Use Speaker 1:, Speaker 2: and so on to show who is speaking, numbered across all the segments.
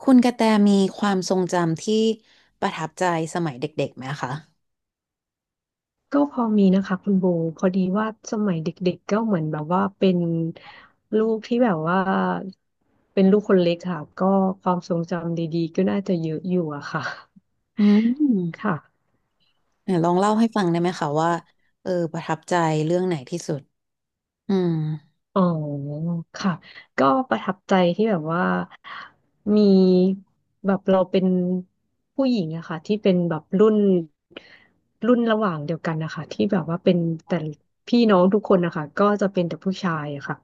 Speaker 1: คุณกระแตมีความทรงจำที่ประทับใจสมัยเด็กๆไหมคะ
Speaker 2: ก็พอมีนะคะคุณโบพอดีว่าสมัยเด็กๆก็เหมือนแบบว่าเป็นลูกที่แบบว่าเป็นลูกคนเล็กค่ะก็ความทรงจำดีๆก็น่าจะเยอะอยู่อะค่ะ
Speaker 1: อืม
Speaker 2: ค่ะ
Speaker 1: เนี่ยลองเล่าให้ฟังได้ไหมคะว่าประทับใจเรื่องไหนที่สุดอืม
Speaker 2: อ๋อค่ะก็ประทับใจที่แบบว่ามีแบบเราเป็นผู้หญิงอะค่ะที่เป็นแบบรุ่นระหว่างเดียวกันนะคะที่แบบว่าเป็นแต่พี่น้องทุกคนนะคะก็จะเป็นแต่ผู้ชายอะค่ะ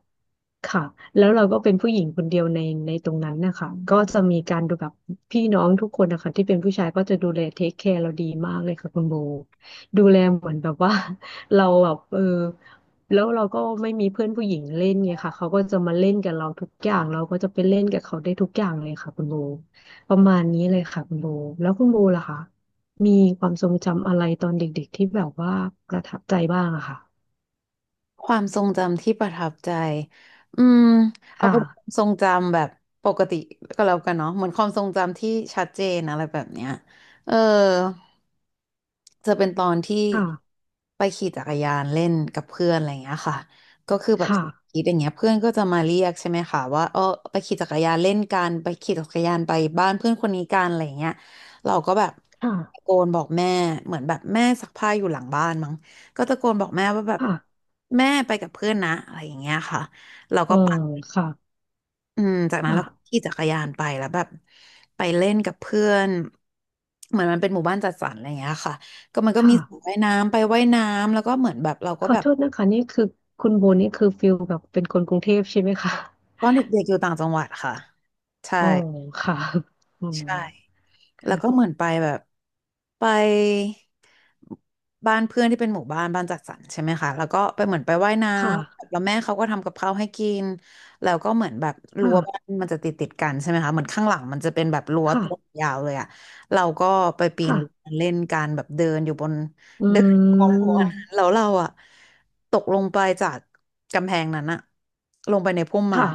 Speaker 2: ค่ะแล้วเราก็เป็นผู้หญิงคนเดียวในตรงนั้นนะคะก็จะมีการดูแบบพี่น้องทุกคนนะคะที่เป็นผู้ชายก็จะดูแลเทคแคร์เราดีมากเลยค่ะคุณโบดูแลเหมือนแบบว่า เราแบบแล้วเราก็ไม่มีเพื่อนผู้หญิงเล่นไงค่ะเขาก็จะมาเล่นกับเราทุกอย่างเราก็จะไปเล่นกับเขาได้ทุกอย่างเลยค่ะคุณโบประมาณนี้เลยค่ะคุณโบแล้วคุณโบล่ะคะมีความทรงจำอะไรตอนเด็กๆที่แบบว่าประทับใจบ้างอะค่ะ
Speaker 1: ความทรงจำที่ประทับใจอืมเอา
Speaker 2: ค่ะ
Speaker 1: เป็นความทรงจำแบบปกติก็แล้วกันเนาะเหมือนความทรงจำที่ชัดเจนอะไรแบบเนี้ยเออจะเป็นตอนที่
Speaker 2: ค่ะ
Speaker 1: ไปขี่จักรยานเล่นกับเพื่อนอะไรอย่างเงี้ยค่ะก็คือแบบ
Speaker 2: ค่ะ
Speaker 1: คิดอย่างเงี้ยเพื่อนก็จะมาเรียกใช่ไหมคะว่าไปขี่จักรยานเล่นกันไปขี่จักรยานไปบ้านเพื่อนคนนี้กันอะไรอย่างเงี้ยเราก็แบบ
Speaker 2: ค่ะ
Speaker 1: ตะโกนบอกแม่เหมือนแบบแม่ซักผ้าอยู่หลังบ้านมั้ง ก็ตะโกนบอกแม่ว่าแบบ
Speaker 2: ค่ะ
Speaker 1: แม่ไปกับเพื่อนนะอะไรอย่างเงี้ยค่ะเรา
Speaker 2: เอ
Speaker 1: ก็
Speaker 2: อ
Speaker 1: ไปัด
Speaker 2: ค่ะ
Speaker 1: อืมจากนั้นเราก็
Speaker 2: ค่ะ
Speaker 1: ขี่จักรยานไปแล้วแบบไปเล่นกับเพื่อนเหมือนมันเป็นหมู่บ้านจัดสรรอะไรอย่างเงี้ยค่ะก็มัน
Speaker 2: ค
Speaker 1: ก็มีสระ
Speaker 2: ่ะ
Speaker 1: ว่ายน้ำไปว่ายน้ำแล้วก็เหมือนแบบเราก็
Speaker 2: ขอ
Speaker 1: แบบ
Speaker 2: โทษนะคะนี่คือคุณโบนี่คือฟิลแบบเป็นคนกรุงเทพใช่ไหมคะ
Speaker 1: ตอนเด็กๆอยู่ต่างจังหวัดค่ะใช่
Speaker 2: อ๋อค่ะอือ
Speaker 1: ใช่ แล้ว
Speaker 2: ค่ะ
Speaker 1: ก็เหมือนไปแบบไปบ้านเพื่อนที่เป็นหมู่บ้านบ้านจัดสรรใช่ไหมคะแล้วก็ไปเหมือนไปว่ายน้ำแล้วแม่เขาก็ทำกับข้าวให้กินแล้วก็เหมือนแบบรั้
Speaker 2: ค่ะ
Speaker 1: วบ้านมันจะติดกันใช่ไหมคะเหมือนข้างหลังมันจะเป็นแบบรั้ว
Speaker 2: ค่ะ
Speaker 1: ตัวยาวเลยอะเราก็ไปปีน
Speaker 2: ค่ะ
Speaker 1: รั้วเล่นกันแบบเดินอยู่บน
Speaker 2: อื
Speaker 1: เดินบนรั้วนั้นแล้
Speaker 2: ม
Speaker 1: วเราอะตกลงไปจากกำแพงนั้นอะลงไปในพุ่มไม้
Speaker 2: ค่ะ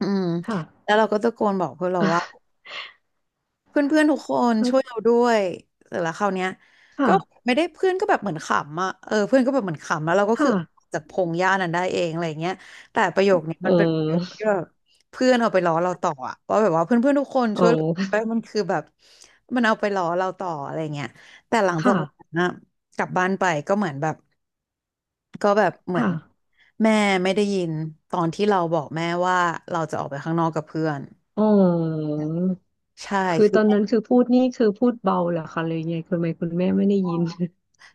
Speaker 1: อืมแล้
Speaker 2: ค่ะ
Speaker 1: วเราก็ตะโกนบอกเพื่อนเราว่า เพื่อนๆทุกคนช่วยเราด้วยเสร็จแล้วคราวเนี้ยก็
Speaker 2: ค่ะ
Speaker 1: ไม่ได้เพื่อนก็แบบเหมือนขำอ่ะเพื่อนก็แบบเหมือนขำแล้วเราก็
Speaker 2: ค่ะ
Speaker 1: คือออกจากพงหญ้านั้นได้เองอะไรเงี้ยแต่ประโยคเนี้ย
Speaker 2: เอ
Speaker 1: มันเป็นประโยค
Speaker 2: อ
Speaker 1: ที่แบบเพื่อนเอาไปล้อเราต่ออะว่าแบบว่าเพื่อนๆทุกคน
Speaker 2: เอ
Speaker 1: ช่วยเรา
Speaker 2: อ
Speaker 1: ด้วยมันคือแบบมันเอาไปล้อเราต่ออะไรเงี้ยแต่หลังจา
Speaker 2: ค่ะ
Speaker 1: กนั้นอะกลับบ้านไปก็เหมือนแบบก็แบบเหมือ
Speaker 2: ค่ะ
Speaker 1: นแม่ไม่ได้ยินตอนที่เราบอกแม่ว่าเราจะออกไปข้างนอกกับเพื่อน
Speaker 2: อ๋อ
Speaker 1: ใช่
Speaker 2: คือตอนนั้นคือพูดนี่คือพูดเบาเหรอคะเลยไงคุณแม่ไม่ได้ยิน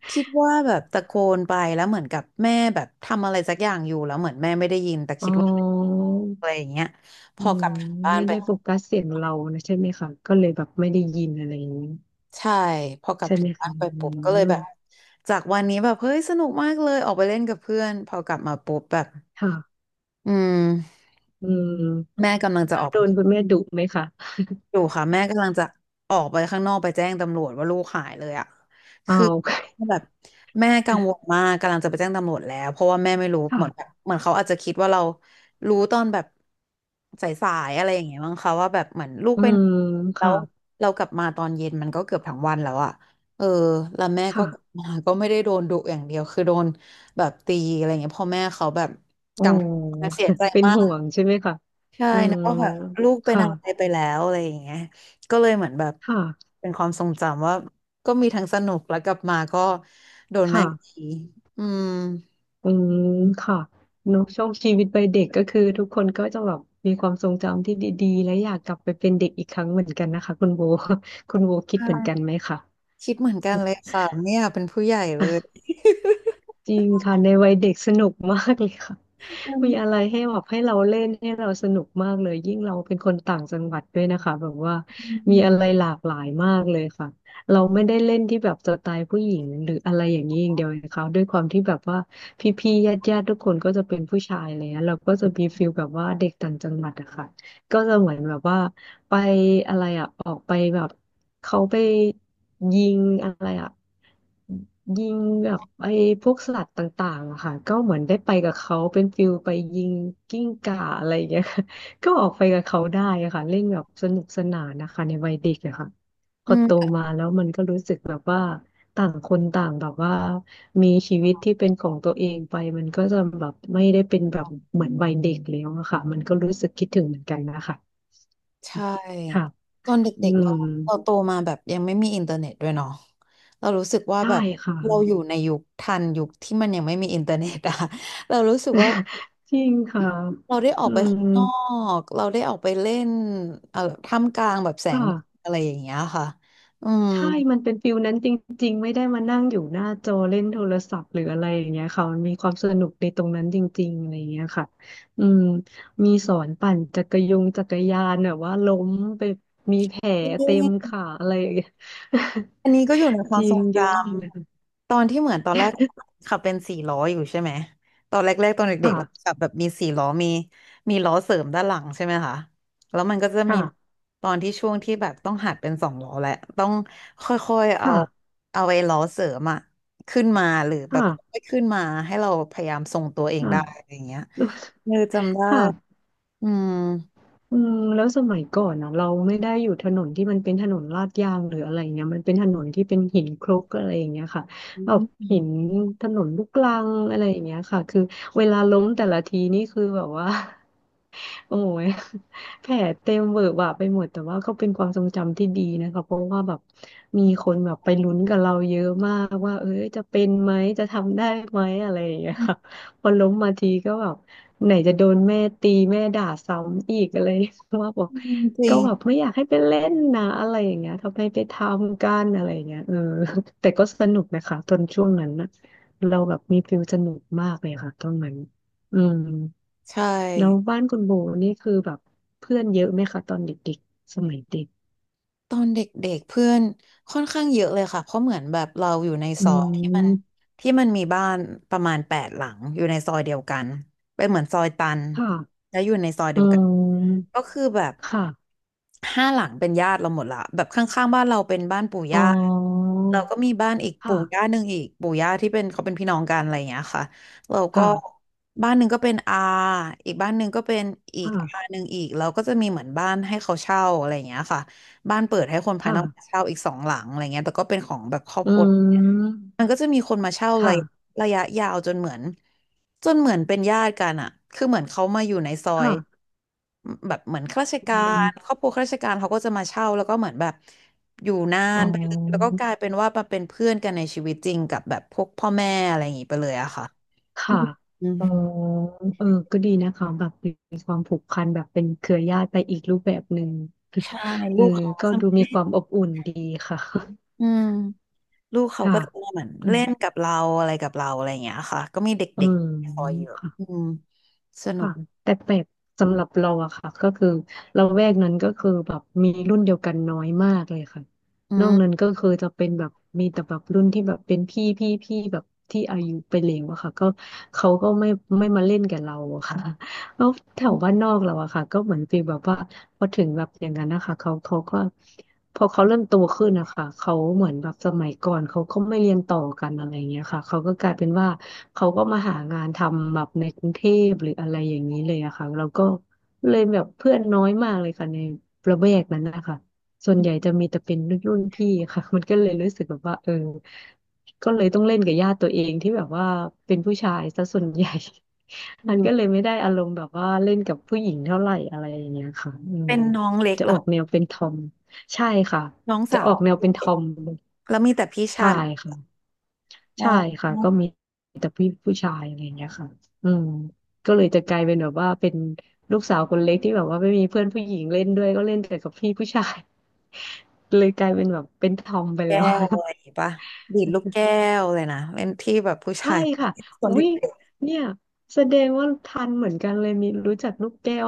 Speaker 1: คิดว่าแบบตะโกนไปแล้วเหมือนกับแม่แบบทำอะไรสักอย่างอยู่แล้วเหมือนแม่ไม่ได้ยินแต่
Speaker 2: อ๋
Speaker 1: คิดว่า
Speaker 2: อ
Speaker 1: อะไรอย่างเงี้ยพ
Speaker 2: อื
Speaker 1: อก
Speaker 2: ม
Speaker 1: ลับถึงบ้าน
Speaker 2: ไม่
Speaker 1: ไป
Speaker 2: ได้โฟกัสเสียงเรานะใช่ไหมคะก็เลยแบบไม่ได้ยินอะไรอย่างนี้
Speaker 1: ใช่พอกลับ
Speaker 2: ใช่
Speaker 1: ถึ
Speaker 2: ไหม
Speaker 1: งบ้า
Speaker 2: คะ
Speaker 1: นไป
Speaker 2: อื
Speaker 1: ปุ๊บก็เลย
Speaker 2: ม
Speaker 1: แบบจากวันนี้แบบเฮ้ยสนุกมากเลยออกไปเล่นกับเพื่อนพอกลับมาปุ๊บแบบ
Speaker 2: ค่ะ
Speaker 1: อืม
Speaker 2: อืม
Speaker 1: แม่กำลังจะ
Speaker 2: แล้
Speaker 1: อ
Speaker 2: ว
Speaker 1: อก
Speaker 2: โด
Speaker 1: ไป
Speaker 2: นคุณแม่ดุไหมคะ
Speaker 1: อยู่ค่ะแม่กำลังจะออกไปข้างนอกไปแจ้งตำรวจว่าลูกหายเลยอ่ะ
Speaker 2: อ้า
Speaker 1: คือ
Speaker 2: ว
Speaker 1: แบบ แม่กังวลมากกำลังจะไปแจ้งตำรวจแล้วเพราะว่าแม่ไม่รู้
Speaker 2: ค่ะ
Speaker 1: เหมือนแบบเหมือนเขาอาจจะคิดว่าเรารู้ตอนแบบสายๆอะไรอย่างเงี้ยมั้งคะว่าแบบเหมือนลูก
Speaker 2: อื
Speaker 1: ไปไหน
Speaker 2: ม
Speaker 1: แล้
Speaker 2: ค่ะ
Speaker 1: วเรากลับมาตอนเย็นมันก็เกือบทั้งวันแล้วอ่ะเออแล้วแม่ก็
Speaker 2: ค่ะ
Speaker 1: กลับมาก็ไม่ได้โดนดุอย่างเดียวคือโดนแบบตีอะไรอย่างเงี้ยพ่อแม่เขาแบบ
Speaker 2: โอ้
Speaker 1: กังวลเสียใจ
Speaker 2: เป็น
Speaker 1: มา
Speaker 2: ห่ว
Speaker 1: ก
Speaker 2: งใช่ไหมคะ
Speaker 1: ใช่
Speaker 2: อื
Speaker 1: นะ
Speaker 2: ม
Speaker 1: ว่าแบบลูกเป็น
Speaker 2: ค่ะ
Speaker 1: อะไรไปแล้วอะไรอย่างเงี้ยก็เลยเหมือนแบบ
Speaker 2: ค่ะ
Speaker 1: เป็นความทรงจำว่าก็มีทั้งสนุกแล้วกลับมาก็โดนแม่ตี
Speaker 2: ค่ะ
Speaker 1: อืม
Speaker 2: อืมค่ะเนอะช่วงชีวิตวัยเด็กก็คือทุกคนก็จะแบบมีความทรงจำที่ดีๆและอยากกลับไปเป็นเด็กอีกครั้งเหมือนกันนะคะคุณโบ คุณโบคิดเหมือน
Speaker 1: ใช่
Speaker 2: กันไหมคะ
Speaker 1: คิดเหมือนกันเลยค่ะไม่อยากเป็นผู้ใหญ่เลย
Speaker 2: จริงค่ะในวัยเด็กสนุกมากเลยค่ะ
Speaker 1: อื ม
Speaker 2: มีอะไรให้แบบให้เราเล่นให้เราสนุกมากเลยยิ่งเราเป็นคนต่างจังหวัดด้วยนะคะแบบว่ามีอะไรหลากหลายมากเลยค่ะเราไม่ได้เล่นที่แบบสไตล์ผู้หญิงหรืออะไรอย่างนี้อย่างเดียวเลคะด้วยความที่แบบว่าพี่ๆญาติๆทุกคนก็จะเป็นผู้ชายเลยนะเราก็จะมีฟิลแบบว่าเด็กต่างจังหวัดอะค่ะก็จะเหมือนแบบว่าไปอะไรอะออกไปแบบเขาไปยิงอะไรอะ ยิงแบบไอ้พวกสัตว์ต่างๆอะค่ะก็เหมือนได้ไปกับเขาเป็นฟิลไปยิงกิ้งก่าอะไรอย่างเงี้ย ค่ะก็ออกไปกับเขาได้อะค่ะเล่นแบบสนุกสนานนะคะในวัยเด็กอะค่ะพ
Speaker 1: อื
Speaker 2: อโต
Speaker 1: ม
Speaker 2: มาแล้วมันก็รู้สึกแบบว่าต่างคนต่างแบบว่ามีชีวิตที่เป็นของตัวเองไปมันก็จะแบบไม่ได้เป็นแบบเหมือนวัยเด็กแล้วอะค่ะมันก็รู้สึกคิดถึงเหมือนกันนะคะ
Speaker 1: ใช
Speaker 2: ค่ะ
Speaker 1: ่ตอน
Speaker 2: อื
Speaker 1: เด็กๆเรา
Speaker 2: ม
Speaker 1: เราโตมาแบบยังไม่มีอินเทอร์เน็ตด้วยเนาะเรารู้สึกว่า
Speaker 2: ได้
Speaker 1: แบบ
Speaker 2: ค่ะ
Speaker 1: เราอยู่ในยุคทันยุคที่มันยังไม่มีอินเทอร์เน็ตอะ เรารู้สึกว่า
Speaker 2: จริงค่ะ
Speaker 1: เราได้ออ
Speaker 2: อื
Speaker 1: กไปข้าง
Speaker 2: ม
Speaker 1: นอกเราได้ออกไปเล่นเอ่อท่ามกลางแบบแสง
Speaker 2: ค่ะ
Speaker 1: แดดอะไรอย่างเงี้ยค่ะอืม
Speaker 2: ใช่มันเป็นฟิลนั้นจริงๆไม่ได้มานั่งอยู่หน้าจอเล่นโทรศัพท์หรืออะไรอย่างเงี้ยค่ะมันมีความสนุกในตรงนั้นจริงๆอะไรอย่างเงี้ยค่ะอืมมีสอนปั่นจักรยานแบบว่าล้มไปมีแผลเต็มขาอะไรอย่างเงี้ย
Speaker 1: อันนี้ก็อยู่ในค
Speaker 2: จ
Speaker 1: วาม
Speaker 2: ริ
Speaker 1: ทร
Speaker 2: ง
Speaker 1: งจ
Speaker 2: เยอะมากเลย
Speaker 1: ำตอนที่เหมือนตอนแรกขับเป็นสี่ล้ออยู่ใช่ไหมตอนแรกๆตอนเด็กๆเรา
Speaker 2: ค่ะ
Speaker 1: ขับแบบมีสี่ล้อมีมีล้อเสริมด้านหลังใช่ไหมคะแล้วมันก็จะมี
Speaker 2: ค่ะ
Speaker 1: ตอนที่ช่วงที่แบบต้องหัดเป็นสองล้อแหละต้องค่อยๆเอา
Speaker 2: ค่ะ
Speaker 1: เอาไอ้ล้อเสริมอะขึ้นมาหรือแบบค่
Speaker 2: ค่ะ
Speaker 1: อยๆขึ้นมาให้เราพยายามทรงตัวเองได้อะ
Speaker 2: ค่ะ
Speaker 1: ไรอย่างเงี้ย จำได้
Speaker 2: ค่ะ
Speaker 1: อืม
Speaker 2: อืมแล้วสมัยก่อนนะเราไม่ได้อยู่ถนนที่มันเป็นถนนลาดยางหรืออะไรเงี้ยมันเป็นถนนที่เป็นหินคลุกอะไรอย่างเงี้ยค่ะ
Speaker 1: อื
Speaker 2: แบบหิน
Speaker 1: ม
Speaker 2: ถนนลูกรังอะไรอย่างเงี้ยค่ะคือเวลาล้มแต่ละทีนี่คือแบบว่า โอ้ยแผลเต็มเวอะหวะไปหมดแต่ว่าก็เป็นความทรงจำที่ดีนะคะเพราะว่าแบบมีคนแบบไปลุ้นกับเราเยอะมากว่าเอ้ยจะเป็นไหมจะทำได้ไหมอะไรอย่างเงี้ยค่ะ พอล้มมาทีก็แบบไหนจะโดนแม่ตีแม่ด่าซ้ำอีกอะไร ว่าบอก
Speaker 1: จริ
Speaker 2: ก็
Speaker 1: ง
Speaker 2: แบบไม่อยากให้ไปเล่นนะอะไรอย่างเงี้ยทำไมไปทำกันอะไรอย่างเงี้ยเออ แต่ก็สนุกนะคะตอนช่วงนั้นนะเราแบบมีฟิลสนุกมากเลยค่ะตอนนั้นอืม
Speaker 1: ใช่
Speaker 2: แล้วบ้านคุณโบนี่คือแบบเพื่อนเยอะไหมคะตอนเด็กๆสมัยเด็ก
Speaker 1: ตอนเด็กๆเพื่อนค่อนข้างเยอะเลยค่ะเพราะเหมือนแบบเราอยู่ใน
Speaker 2: อื
Speaker 1: ซอยที่มัน
Speaker 2: ม
Speaker 1: ที่มันมีบ้านประมาณแปดหลังอยู่ในซอยเดียวกันเป็นเหมือนซอยตัน
Speaker 2: ค่ะ
Speaker 1: แล้วอยู่ในซอยเดี
Speaker 2: อื
Speaker 1: ยวกัน
Speaker 2: ม
Speaker 1: ก็คือแบบ
Speaker 2: ค่ะ
Speaker 1: ห้าหลังเป็นญาติเราหมดละแบบข้างๆบ้านเราเป็นบ้านปู่
Speaker 2: อ๋
Speaker 1: ย่า
Speaker 2: อ
Speaker 1: เราก็มีบ้านอีกปู่ย่า
Speaker 2: ค่ะ
Speaker 1: หนึ่งอีกปู่ย่าที่เป็นเขาเป็นพี่น้องกันอะไรอย่างเงี้ยค่ะเราก็
Speaker 2: ค่ะ
Speaker 1: บ้านหนึ่งก็เป็นอาอีกบ้านหนึ่งก็เป็นอีกอา
Speaker 2: ค่ะ
Speaker 1: หนึ่งอีกเราก็จะมีเหมือนบ้านให้เขาเช่าอะไรอย่างเงี้ยค่ะ บ้านเปิดให้คนภาย
Speaker 2: ค่ะ
Speaker 1: นอกมาเช่าอีกสองหลังอะไรเงี้ยแต่ก็เป็นของแบบครอบ
Speaker 2: อื
Speaker 1: ครัวมัน
Speaker 2: ม
Speaker 1: ก็จะมีคนมาเช่าระ
Speaker 2: ค่ะ
Speaker 1: ยะระยะยาวจนเหมือนเป็นญาติกันอ่ะคือเหมือนเขามาอยู่ในซอย
Speaker 2: ค่ะ
Speaker 1: แบบเหมือนข้าราช
Speaker 2: อื
Speaker 1: การค
Speaker 2: ม
Speaker 1: รอบครัวข้าราชการเขาก็จะมาเช่าแล้วก็เหมือนแบบอยู่นา
Speaker 2: อ๋
Speaker 1: นไปเลยแล้วก็
Speaker 2: อ
Speaker 1: กลายเป็นว่ามาเป็นเพื่อนกันในชีวิตจริงกับแบบพวกพ่อแม่อะไรอย่างงี้ไปเลยอะค่ะ
Speaker 2: ค่ะ
Speaker 1: อื
Speaker 2: เออ
Speaker 1: ม
Speaker 2: เออก็ดีนะคะแบบมีความผูกพันแบบเป็นเครือญาติไปอีกรูปแบบหนึ่ง
Speaker 1: ใช่
Speaker 2: เอ
Speaker 1: ลู
Speaker 2: อ
Speaker 1: กเขาก็
Speaker 2: ก็
Speaker 1: จะ
Speaker 2: ดูมีความอบอุ่นดีค่ะ
Speaker 1: อืม ลูก เขา
Speaker 2: ค่ะ
Speaker 1: ก็จะเหมือน
Speaker 2: อื
Speaker 1: เล่
Speaker 2: ม
Speaker 1: นกับเราอะไรกับเราอะไรอย่างเงี้ยค่ะก็มีเด
Speaker 2: เออ
Speaker 1: ็กๆคอยเยอะอื
Speaker 2: ค่ะ
Speaker 1: มสนุ
Speaker 2: ค่ะ
Speaker 1: ก
Speaker 2: แต่แปลกสำหรับเราอะค่ะก็คือเราแวกนั้นก็คือแบบมีรุ่นเดียวกันน้อยมากเลยค่ะ
Speaker 1: อื
Speaker 2: นอกนั้น
Speaker 1: ม
Speaker 2: ก็คือจะเป็นแบบมีแต่แบบรุ่นที่แบบเป็นพี่แบบที่อายุไปแล้วอะค่ะก็เขาก็ไม่มาเล่นกับเราอะค่ะ แล้วแถวบ้านนอกเราอะค่ะก็เหมือนฟีลแบบว่าพอถึงแบบอย่างนั้นนะคะเขาก็พอเขาเริ่มโตขึ้นนะคะเขาเหมือนแบบสมัยก่อนเขาก็ไม่เรียนต่อกันอะไรอย่างเงี้ยค่ะเขาก็กลายเป็นว่า เขาก็มาหางานทำแบบในกรุงเทพหรืออะไรอย่างนี้เลยอะค่ะแล้วก็เลยแบบเพื่อนน้อยมากเลยค่ะในระแวกนั้นนะคะส่วนใหญ่จะมีแต่เป็นรุ่นพี่ค่ะ มันก็เลยรู้สึกแบบว่าเออก็เลยต้องเล่นกับญาติตัวเองที่แบบว่าเป็นผู้ชายซะส่วนใหญ่
Speaker 1: อื
Speaker 2: มันก็เล
Speaker 1: ม
Speaker 2: ยไม่ได้อารมณ์แบบว่าเล่นกับผู้หญิงเท่าไหร่อะไรอย่างเงี้ยค่ะอืม
Speaker 1: เป็นน้องเล็ก
Speaker 2: จะ
Speaker 1: เหร
Speaker 2: อ
Speaker 1: อ
Speaker 2: อกแนวเป็นทอมใช่ค่ะ
Speaker 1: น้อง
Speaker 2: จะ
Speaker 1: สา
Speaker 2: ออ
Speaker 1: ว
Speaker 2: กแนวเป็นทอม
Speaker 1: แล้วมีแต่พี่
Speaker 2: ใช่
Speaker 1: ชาย
Speaker 2: ค่ะ
Speaker 1: มอ
Speaker 2: ใช่
Speaker 1: ง
Speaker 2: ค่ะก็มีแต่พี่ผู้ชายอะไรอย่างเงี้ยค่ะอืมก็เลยจะกลายเป็นแบบว่าเป็นลูกสาวคนเล็กที่แบบว่าไม่มีเพื่อนผู้หญิงเล่นด้วยก็เล่นแต่กับพี่ผู้ชาย เลยกลายเป็นแบบเป็นทอมไปแล้
Speaker 1: แก้
Speaker 2: ว
Speaker 1: วอะไรอย่างงี้ปะดีดลูกแก้วเลยนะเล่นที่แบบผู้
Speaker 2: ใช่
Speaker 1: ชาย
Speaker 2: ค่ะ
Speaker 1: สน
Speaker 2: อุ้
Speaker 1: ที่
Speaker 2: ยเนี่ยแสดงว่าทันเหมือนกันเลยมีรู้จักลูกแก้ว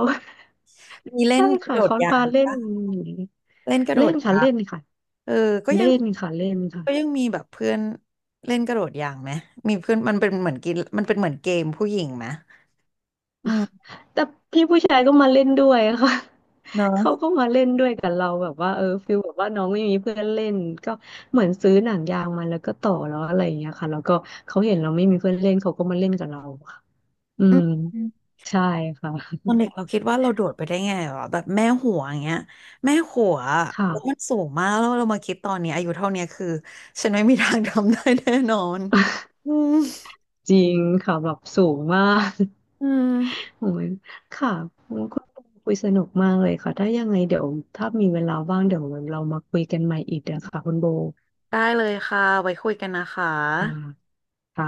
Speaker 1: มี เล่
Speaker 2: ใช่
Speaker 1: นกระ
Speaker 2: ค่ะ
Speaker 1: โดด
Speaker 2: เขา
Speaker 1: ยา
Speaker 2: พา
Speaker 1: ง
Speaker 2: เล่น
Speaker 1: ปะเล่นกระโด
Speaker 2: เล่
Speaker 1: ด
Speaker 2: นค่ะ
Speaker 1: ยา
Speaker 2: เล่
Speaker 1: ง
Speaker 2: นค่ะ
Speaker 1: เออก็ยั
Speaker 2: เล่
Speaker 1: ง
Speaker 2: นค่ะเล่นค่ะ
Speaker 1: ก็ยังมีแบบเพื่อนเล่นกระโดดยางไหมมีเพื่อนมันเป็นเหมือนกินมันเป็นเหมือนเกมผู้หญิงไหมอืม
Speaker 2: แต่พี่ผู้ชายก็มาเล่นด้วยค่ะ
Speaker 1: เนอะ
Speaker 2: เขาก็มาเล่นด้วยกับเราแบบว่าเออฟิลแบบว่าน้องไม่มีเพื่อนเล่นก็เหมือนซื้อหนังยางมาแล้วก็ต่อแล้วอะไรอย่างเงี้ยค่ะแล้วก็เขาเห็นเราไม่มีเพื่อนเล่นเขาก็มาเล่นกับเราค่ะอื
Speaker 1: อื
Speaker 2: ม
Speaker 1: ม
Speaker 2: ใช่ค่ะ
Speaker 1: ตอนเด็กเราคิดว่าเราโดดไปได้ไงวะแบบแม่หัวอย่างเงี้ยแม่หัวแล้วมัน
Speaker 2: ค่ะ
Speaker 1: สูงมากแล้วเรามาคิดตอนนี้อายุเท่าเนี้ยคือฉันไม่มีทางทำได้แน่นอนอืม
Speaker 2: จริงค่ะแบบสูงมาก
Speaker 1: อืม
Speaker 2: โอ้ยค่ะคุณปอคุยสนุกมากเลยค่ะถ้ายังไงเดี๋ยวถ้ามีเวลาว่างเดี๋ยวเรามาคุยกันใหม่อีกนะคะคุณโบ
Speaker 1: ได้เลยค่ะไว้คุยกันนะคะ
Speaker 2: อ่าค่ะ